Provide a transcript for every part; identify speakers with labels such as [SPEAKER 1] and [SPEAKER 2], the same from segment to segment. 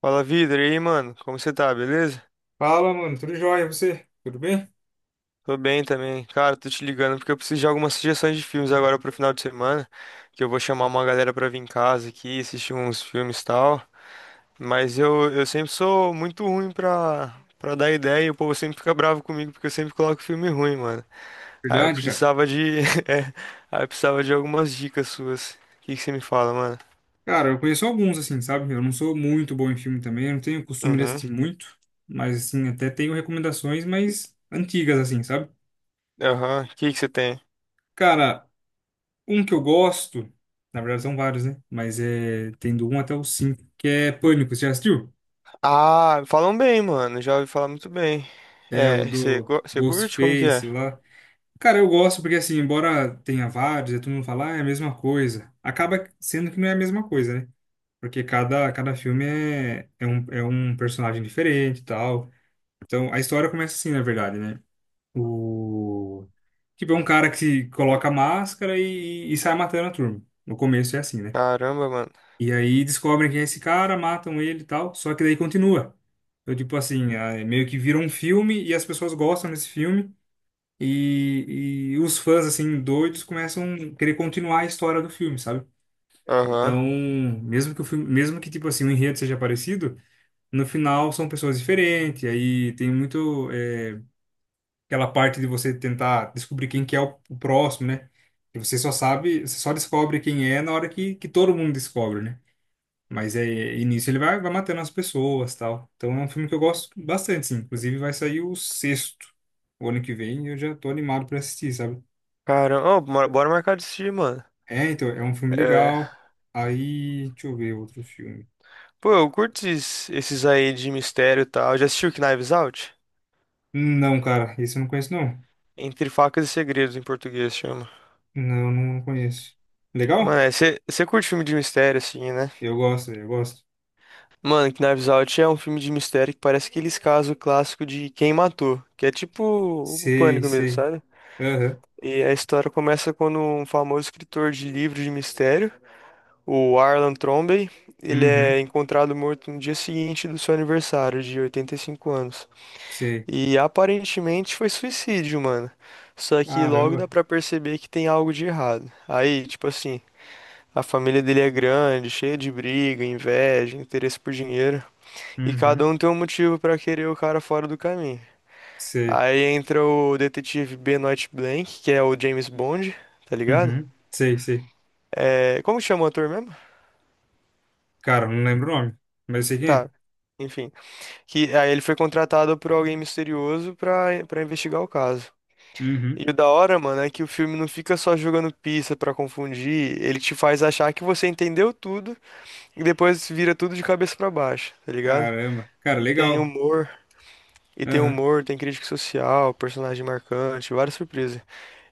[SPEAKER 1] Fala, Vidro, e aí, mano? Como você tá, beleza?
[SPEAKER 2] Fala, mano, tudo jóia? E você? Tudo bem?
[SPEAKER 1] Tô bem também. Cara, tô te ligando porque eu preciso de algumas sugestões de filmes agora pro final de semana, que eu vou chamar uma galera pra vir em casa aqui, assistir uns filmes e tal. Mas eu sempre sou muito ruim pra dar ideia e o povo sempre fica bravo comigo porque eu sempre coloco filme ruim, mano. Aí eu
[SPEAKER 2] Verdade, cara.
[SPEAKER 1] precisava de... é, aí eu precisava de algumas dicas suas. O que que você me fala, mano?
[SPEAKER 2] Cara, eu conheço alguns, assim, sabe? Eu não sou muito bom em filme também, eu não tenho costume de
[SPEAKER 1] Uhum,
[SPEAKER 2] assistir muito, mas, assim, até tenho recomendações mais antigas, assim, sabe?
[SPEAKER 1] aham. O que que você tem?
[SPEAKER 2] Cara, um que eu gosto, na verdade são vários, né? Mas é, tem do 1 até o 5 que é Pânico, você já assistiu?
[SPEAKER 1] Ah, falam bem, mano. Já ouvi falar muito bem.
[SPEAKER 2] É o
[SPEAKER 1] É,
[SPEAKER 2] do
[SPEAKER 1] você curte? Como que
[SPEAKER 2] Ghostface
[SPEAKER 1] é?
[SPEAKER 2] lá. Cara, eu gosto porque, assim, embora tenha vários, e todo mundo fala, ah, é a mesma coisa, acaba sendo que não é a mesma coisa, né? Porque cada filme é um personagem diferente e tal. Então, a história começa assim, na verdade, né? O... Tipo, é um cara que se coloca a máscara e sai matando a turma. No começo é assim, né?
[SPEAKER 1] Caramba, mano.
[SPEAKER 2] E aí descobrem quem é esse cara, matam ele e tal. Só que daí continua. Então, tipo assim, é meio que vira um filme e as pessoas gostam desse filme. E os fãs, assim, doidos começam a querer continuar a história do filme, sabe?
[SPEAKER 1] Aham.
[SPEAKER 2] Então, mesmo que, tipo assim, o enredo seja parecido no final são pessoas diferentes, aí tem muito aquela parte de você tentar descobrir quem que é o próximo, né? Que você só sabe, você só descobre quem é na hora que todo mundo descobre, né? Mas é, e nisso ele vai matando as pessoas, tal. Então é um filme que eu gosto bastante, sim. Inclusive vai sair o sexto, o ano que vem, e eu já tô animado pra assistir, sabe?
[SPEAKER 1] Caramba, ô, bora marcar de assistir, mano.
[SPEAKER 2] É, então, é um filme
[SPEAKER 1] É.
[SPEAKER 2] legal. Aí, deixa eu ver outro filme.
[SPEAKER 1] Pô, eu curto esses, esses aí de mistério e tal. Já assistiu Knives Out?
[SPEAKER 2] Não, cara, esse eu não conheço, não.
[SPEAKER 1] Entre Facas e Segredos, em português chama.
[SPEAKER 2] Não, não conheço.
[SPEAKER 1] Mano,
[SPEAKER 2] Legal?
[SPEAKER 1] é, você curte filme de mistério, assim, né?
[SPEAKER 2] Eu gosto, eu gosto.
[SPEAKER 1] Mano, Knives Out é um filme de mistério que parece aqueles casos clássicos de quem matou. Que é tipo o
[SPEAKER 2] Sei,
[SPEAKER 1] pânico mesmo,
[SPEAKER 2] sei.
[SPEAKER 1] sabe?
[SPEAKER 2] Aham.
[SPEAKER 1] E a história começa quando um famoso escritor de livros de mistério, o Arlan Trombey, ele é
[SPEAKER 2] Uhum,
[SPEAKER 1] encontrado morto no dia seguinte do seu aniversário de 85 anos.
[SPEAKER 2] sei.
[SPEAKER 1] E aparentemente foi suicídio, mano. Só que logo dá
[SPEAKER 2] Caramba.
[SPEAKER 1] pra perceber que tem algo de errado. Aí, tipo assim, a família dele é grande, cheia de briga, inveja, interesse por dinheiro, e cada
[SPEAKER 2] Uhum,
[SPEAKER 1] um tem um motivo pra querer o cara fora do caminho.
[SPEAKER 2] sei.
[SPEAKER 1] Aí entra o detetive Benoit Blanc, que é o James Bond, tá ligado?
[SPEAKER 2] Uhum, sei, sei.
[SPEAKER 1] É, como que chama o ator mesmo?
[SPEAKER 2] Cara, não lembro o nome, mas eu sei quem é.
[SPEAKER 1] Tá, enfim. Que aí ele foi contratado por alguém misterioso pra investigar o caso.
[SPEAKER 2] Uhum.
[SPEAKER 1] E o da hora, mano, é que o filme não fica só jogando pista pra confundir, ele te faz achar que você entendeu tudo e depois vira tudo de cabeça pra baixo, tá ligado?
[SPEAKER 2] Caramba, cara,
[SPEAKER 1] E tem
[SPEAKER 2] legal.
[SPEAKER 1] humor,
[SPEAKER 2] Aham,
[SPEAKER 1] tem crítica social, personagem marcante, várias surpresas.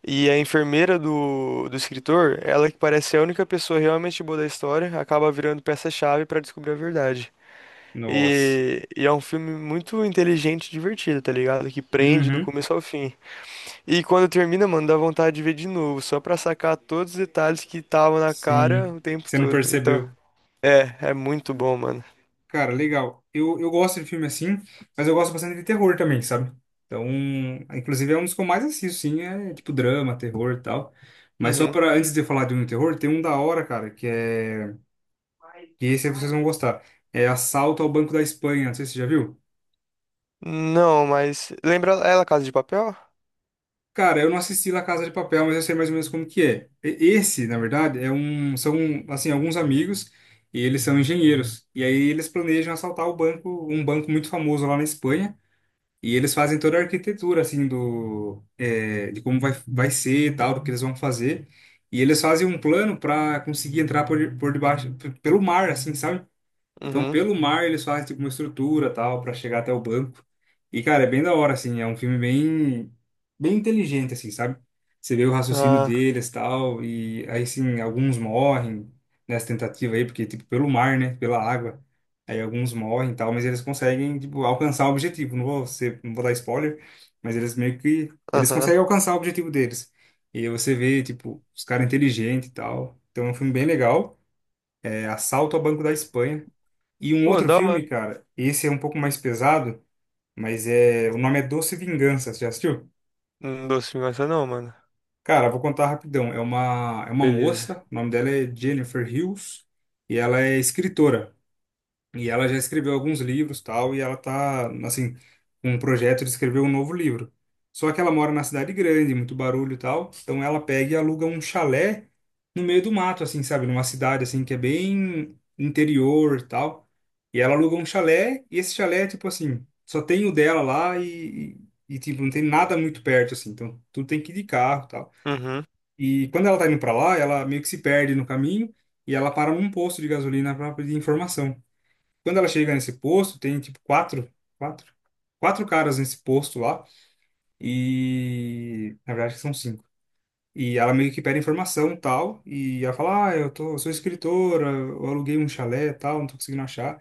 [SPEAKER 1] E a enfermeira do escritor, ela que parece a única pessoa realmente boa da história, acaba virando peça-chave pra descobrir a verdade.
[SPEAKER 2] nossa.
[SPEAKER 1] E é um filme muito inteligente e divertido, tá ligado? Que prende do
[SPEAKER 2] Uhum.
[SPEAKER 1] começo ao fim. E quando termina, mano, dá vontade de ver de novo, só pra sacar todos os detalhes que estavam na cara
[SPEAKER 2] Sim,
[SPEAKER 1] o tempo
[SPEAKER 2] você não
[SPEAKER 1] todo. Então,
[SPEAKER 2] percebeu.
[SPEAKER 1] é muito bom, mano.
[SPEAKER 2] Cara, legal. Eu gosto de filme assim, mas eu gosto bastante de terror também, sabe? Então, inclusive é um dos que eu mais assisto, sim, é tipo drama, terror e tal. Mas só
[SPEAKER 1] Uhum.
[SPEAKER 2] para antes de eu falar de um terror, tem um da hora, cara. Que é E esse aí vocês vão gostar. É Assalto ao Banco da Espanha, não sei se você já viu.
[SPEAKER 1] Não, mas. Lembra ela, Casa de Papel?
[SPEAKER 2] Cara, eu não assisti La Casa de Papel, mas eu sei mais ou menos como que é. Esse, na verdade, são assim, alguns amigos e eles são engenheiros. E aí eles planejam assaltar o banco, um banco muito famoso lá na Espanha. E eles fazem toda a arquitetura assim de como vai ser e tal, do que eles vão fazer. E eles fazem um plano para conseguir entrar por debaixo, pelo mar, assim, sabe? Então,
[SPEAKER 1] Uhum.
[SPEAKER 2] pelo mar, eles fazem tipo uma estrutura tal para chegar até o banco. E, cara, é bem da hora, assim. É um filme bem inteligente, assim, sabe? Você vê o raciocínio
[SPEAKER 1] Ah,
[SPEAKER 2] deles tal. E aí, sim, alguns morrem nessa tentativa aí, porque, tipo, pelo mar, né? Pela água. Aí alguns morrem tal, mas eles conseguem, tipo, alcançar o objetivo. Não vou dar spoiler, mas eles meio que. Eles
[SPEAKER 1] aham.
[SPEAKER 2] conseguem alcançar o objetivo deles. E aí você vê, tipo, os caras inteligentes e tal. Então, é um filme bem legal. É Assalto ao Banco da Espanha. E um
[SPEAKER 1] Pô,
[SPEAKER 2] outro
[SPEAKER 1] da hora.
[SPEAKER 2] filme, cara, esse é um pouco mais pesado, mas é, o nome é Doce Vingança, você já assistiu?
[SPEAKER 1] Não dou sem essa não, mano.
[SPEAKER 2] Cara, vou contar rapidão. É uma
[SPEAKER 1] Beleza.
[SPEAKER 2] moça, o nome dela é Jennifer Hills, e ela é escritora. E ela já escreveu alguns livros, tal, e ela tá, assim, com um projeto de escrever um novo livro. Só que ela mora na cidade grande, muito barulho e tal, então ela pega e aluga um chalé no meio do mato, assim, sabe? Numa cidade, assim, que é bem interior e tal. E ela aluga um chalé, e esse chalé, tipo assim, só tem o dela lá e, tipo, não tem nada muito perto, assim, então tudo tem que ir de carro e tal.
[SPEAKER 1] Uhum.
[SPEAKER 2] E quando ela tá indo pra lá, ela meio que se perde no caminho e ela para num posto de gasolina para pedir informação. Quando ela chega nesse posto, tem tipo quatro, quatro caras nesse posto lá. E na verdade são cinco. E ela meio que pede informação e tal. E ela fala: Ah, eu sou escritora, eu aluguei um chalé e tal, não tô conseguindo achar.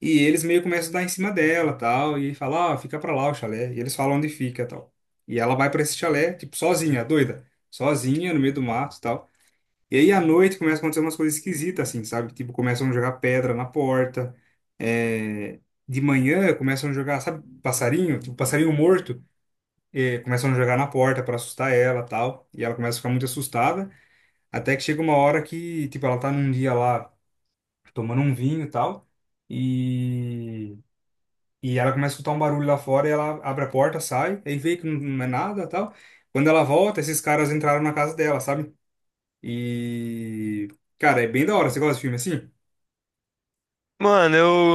[SPEAKER 2] E eles meio que começam a dar em cima dela tal. E fala: Ah, fica pra lá o chalé. E eles falam onde fica tal. E ela vai pra esse chalé, tipo, sozinha, doida. Sozinha, no meio do mato e tal. E aí à noite começa a acontecer umas coisas esquisitas, assim, sabe? Tipo, começam a jogar pedra na porta. É, De manhã começam a jogar, sabe, passarinho? Tipo, passarinho morto. Começam a jogar na porta para assustar ela tal. E ela começa a ficar muito assustada. Até que chega uma hora que, tipo, ela tá num dia lá tomando um vinho e tal. E. E ela começa a escutar um barulho lá fora e ela abre a porta, sai, aí vê que não é nada tal. Quando ela volta, esses caras entraram na casa dela, sabe? E, cara, é bem da hora. Você gosta de filme assim?
[SPEAKER 1] Mano,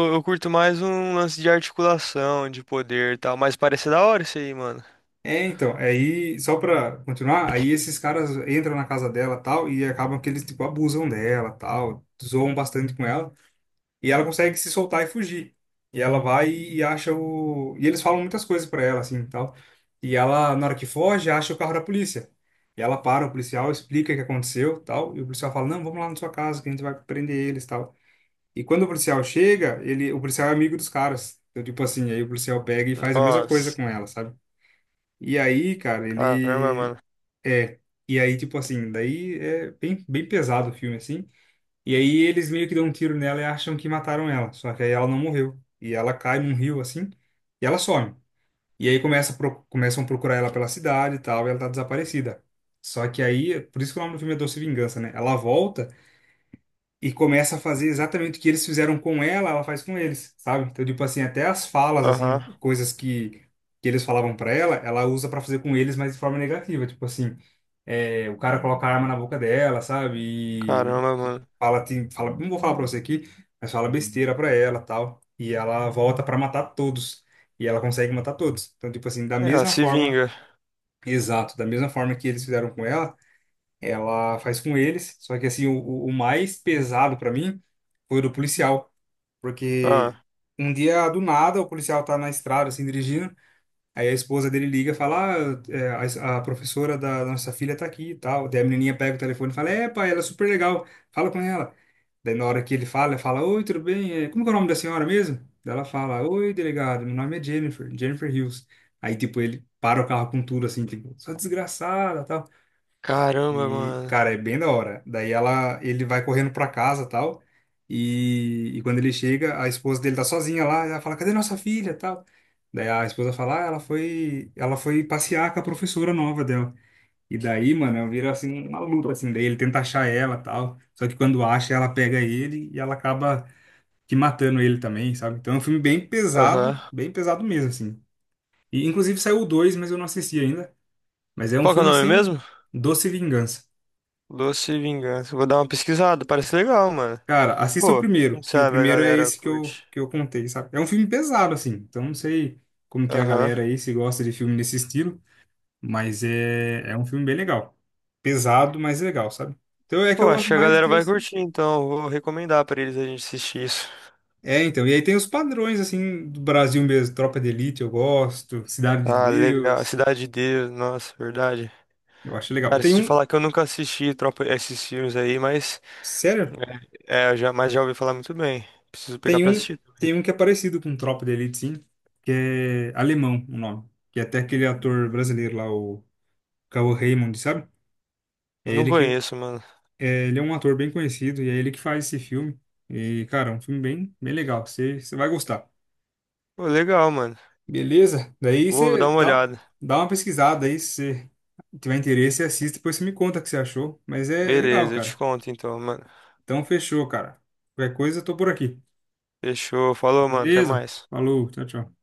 [SPEAKER 1] eu curto mais um lance de articulação, de poder e tal, mas parece da hora isso aí, mano.
[SPEAKER 2] É, então, é aí, só pra continuar, aí esses caras entram na casa dela tal, e acabam que eles, tipo, abusam dela tal, zoam bastante com ela, e ela consegue se soltar e fugir. E ela vai e acha o. E eles falam muitas coisas pra ela, assim tal. E ela, na hora que foge, acha o carro da polícia. E ela para o policial, explica o que aconteceu tal, e o policial fala: Não, vamos lá na sua casa que a gente vai prender eles tal. E quando o policial chega, o policial é amigo dos caras. Então, tipo assim, aí o policial pega e faz a mesma coisa
[SPEAKER 1] Nossa.
[SPEAKER 2] com ela, sabe? E aí, cara,
[SPEAKER 1] Caramba,
[SPEAKER 2] ele
[SPEAKER 1] mano.
[SPEAKER 2] é. E aí, tipo assim, daí é bem, bem pesado o filme, assim. E aí eles meio que dão um tiro nela e acham que mataram ela. Só que aí ela não morreu. E ela cai num rio, assim, e ela some. E aí começa, começam a procurar ela pela cidade e tal, e ela tá desaparecida. Só que aí, por isso que o nome do filme é Doce Vingança, né? Ela volta e começa a fazer exatamente o que eles fizeram com ela, ela faz com eles, sabe? Então, tipo assim, até as falas,
[SPEAKER 1] Aham.
[SPEAKER 2] assim, coisas que eles falavam pra ela, ela usa pra fazer com eles, mas de forma negativa. Tipo assim, é, o cara coloca a arma na boca dela, sabe? E,
[SPEAKER 1] Caramba,
[SPEAKER 2] e
[SPEAKER 1] mano.
[SPEAKER 2] fala, fala, não vou falar pra você aqui, mas fala besteira pra ela, tal. E ela volta pra matar todos. E ela consegue matar todos. Então, tipo assim, da
[SPEAKER 1] É, ela
[SPEAKER 2] mesma
[SPEAKER 1] se
[SPEAKER 2] forma,
[SPEAKER 1] vinga.
[SPEAKER 2] exato, da mesma forma que eles fizeram com ela, ela faz com eles. Só que assim, o mais pesado pra mim foi o do policial, porque
[SPEAKER 1] Ah.
[SPEAKER 2] um dia do nada o policial tá na estrada assim dirigindo, aí a esposa dele liga, e fala, ah, é, a professora da nossa filha tá aqui e tal. Daí a menininha pega o telefone e fala, é, pai, ela é super legal, fala com ela. Daí na hora que ele fala, ela fala, oi, tudo bem? Como que é o nome da senhora mesmo? Daí ela fala, oi, delegado, meu nome é Jennifer, Jennifer Hills. Aí, tipo, ele para o carro com tudo, assim, tipo, sua desgraçada, tal.
[SPEAKER 1] Caramba,
[SPEAKER 2] E,
[SPEAKER 1] mano.
[SPEAKER 2] cara, é bem da hora. Daí ele vai correndo pra casa, tal. E quando ele chega, a esposa dele tá sozinha lá, ela fala: "Cadê nossa filha?", tal. Daí a esposa fala: "Ah, ela foi passear com a professora nova dela". E daí, mano, vira assim uma luta assim, daí ele tenta achar ela, tal. Só que quando acha, ela pega ele e ela acaba que matando ele também, sabe? Então é um filme
[SPEAKER 1] Aham.
[SPEAKER 2] bem pesado mesmo assim. E inclusive saiu o dois, mas eu não assisti ainda. Mas é um
[SPEAKER 1] Qual que é o
[SPEAKER 2] filme
[SPEAKER 1] nome
[SPEAKER 2] assim,
[SPEAKER 1] mesmo?
[SPEAKER 2] Doce Vingança.
[SPEAKER 1] Doce Vingança. Vou dar uma pesquisada. Parece legal, mano.
[SPEAKER 2] Cara, assista o
[SPEAKER 1] Pô,
[SPEAKER 2] primeiro,
[SPEAKER 1] quem
[SPEAKER 2] que o
[SPEAKER 1] sabe a
[SPEAKER 2] primeiro é
[SPEAKER 1] galera
[SPEAKER 2] esse que
[SPEAKER 1] curte.
[SPEAKER 2] eu contei, sabe? É um filme pesado, assim, então não sei como que é a
[SPEAKER 1] Aham.
[SPEAKER 2] galera aí, se gosta de filme nesse estilo, mas é, um filme bem legal. Pesado, mas legal, sabe? Então é que eu
[SPEAKER 1] Pô, acho
[SPEAKER 2] gosto
[SPEAKER 1] que a
[SPEAKER 2] mais
[SPEAKER 1] galera vai
[SPEAKER 2] desse.
[SPEAKER 1] curtir, então. Eu vou recomendar pra eles a gente assistir isso.
[SPEAKER 2] É, então, e aí tem os padrões, assim, do Brasil mesmo. Tropa de Elite eu gosto, Cidade de
[SPEAKER 1] Ah, legal.
[SPEAKER 2] Deus,
[SPEAKER 1] Cidade de Deus. Nossa, verdade.
[SPEAKER 2] eu acho legal.
[SPEAKER 1] Cara, se
[SPEAKER 2] Tem
[SPEAKER 1] te
[SPEAKER 2] um,
[SPEAKER 1] falar que eu nunca assisti tropa, esses filmes aí, mas,
[SPEAKER 2] sério?
[SPEAKER 1] é, eu já, mas já ouvi falar muito bem. Preciso pegar
[SPEAKER 2] Tem
[SPEAKER 1] pra
[SPEAKER 2] um,
[SPEAKER 1] assistir.
[SPEAKER 2] que é parecido com Tropa de Elite, sim, que é alemão o nome, que é até aquele ator brasileiro lá, o Cauã Raymond, sabe? É
[SPEAKER 1] Não
[SPEAKER 2] ele que
[SPEAKER 1] conheço, mano.
[SPEAKER 2] Ele é um ator bem conhecido e é ele que faz esse filme. E, cara, é um filme bem, bem legal. Você vai gostar.
[SPEAKER 1] Pô, legal, mano.
[SPEAKER 2] Beleza? Daí
[SPEAKER 1] Vou dar
[SPEAKER 2] você
[SPEAKER 1] uma
[SPEAKER 2] dá,
[SPEAKER 1] olhada.
[SPEAKER 2] dá uma pesquisada aí. Se você tiver interesse, você assiste. Depois você me conta o que você achou. Mas é, legal,
[SPEAKER 1] Beleza, eu te
[SPEAKER 2] cara.
[SPEAKER 1] conto então, mano.
[SPEAKER 2] Então, fechou, cara. Qualquer coisa, eu tô por aqui.
[SPEAKER 1] Fechou. Falou, mano. Até
[SPEAKER 2] Beleza?
[SPEAKER 1] mais.
[SPEAKER 2] Falou. Tchau, tchau.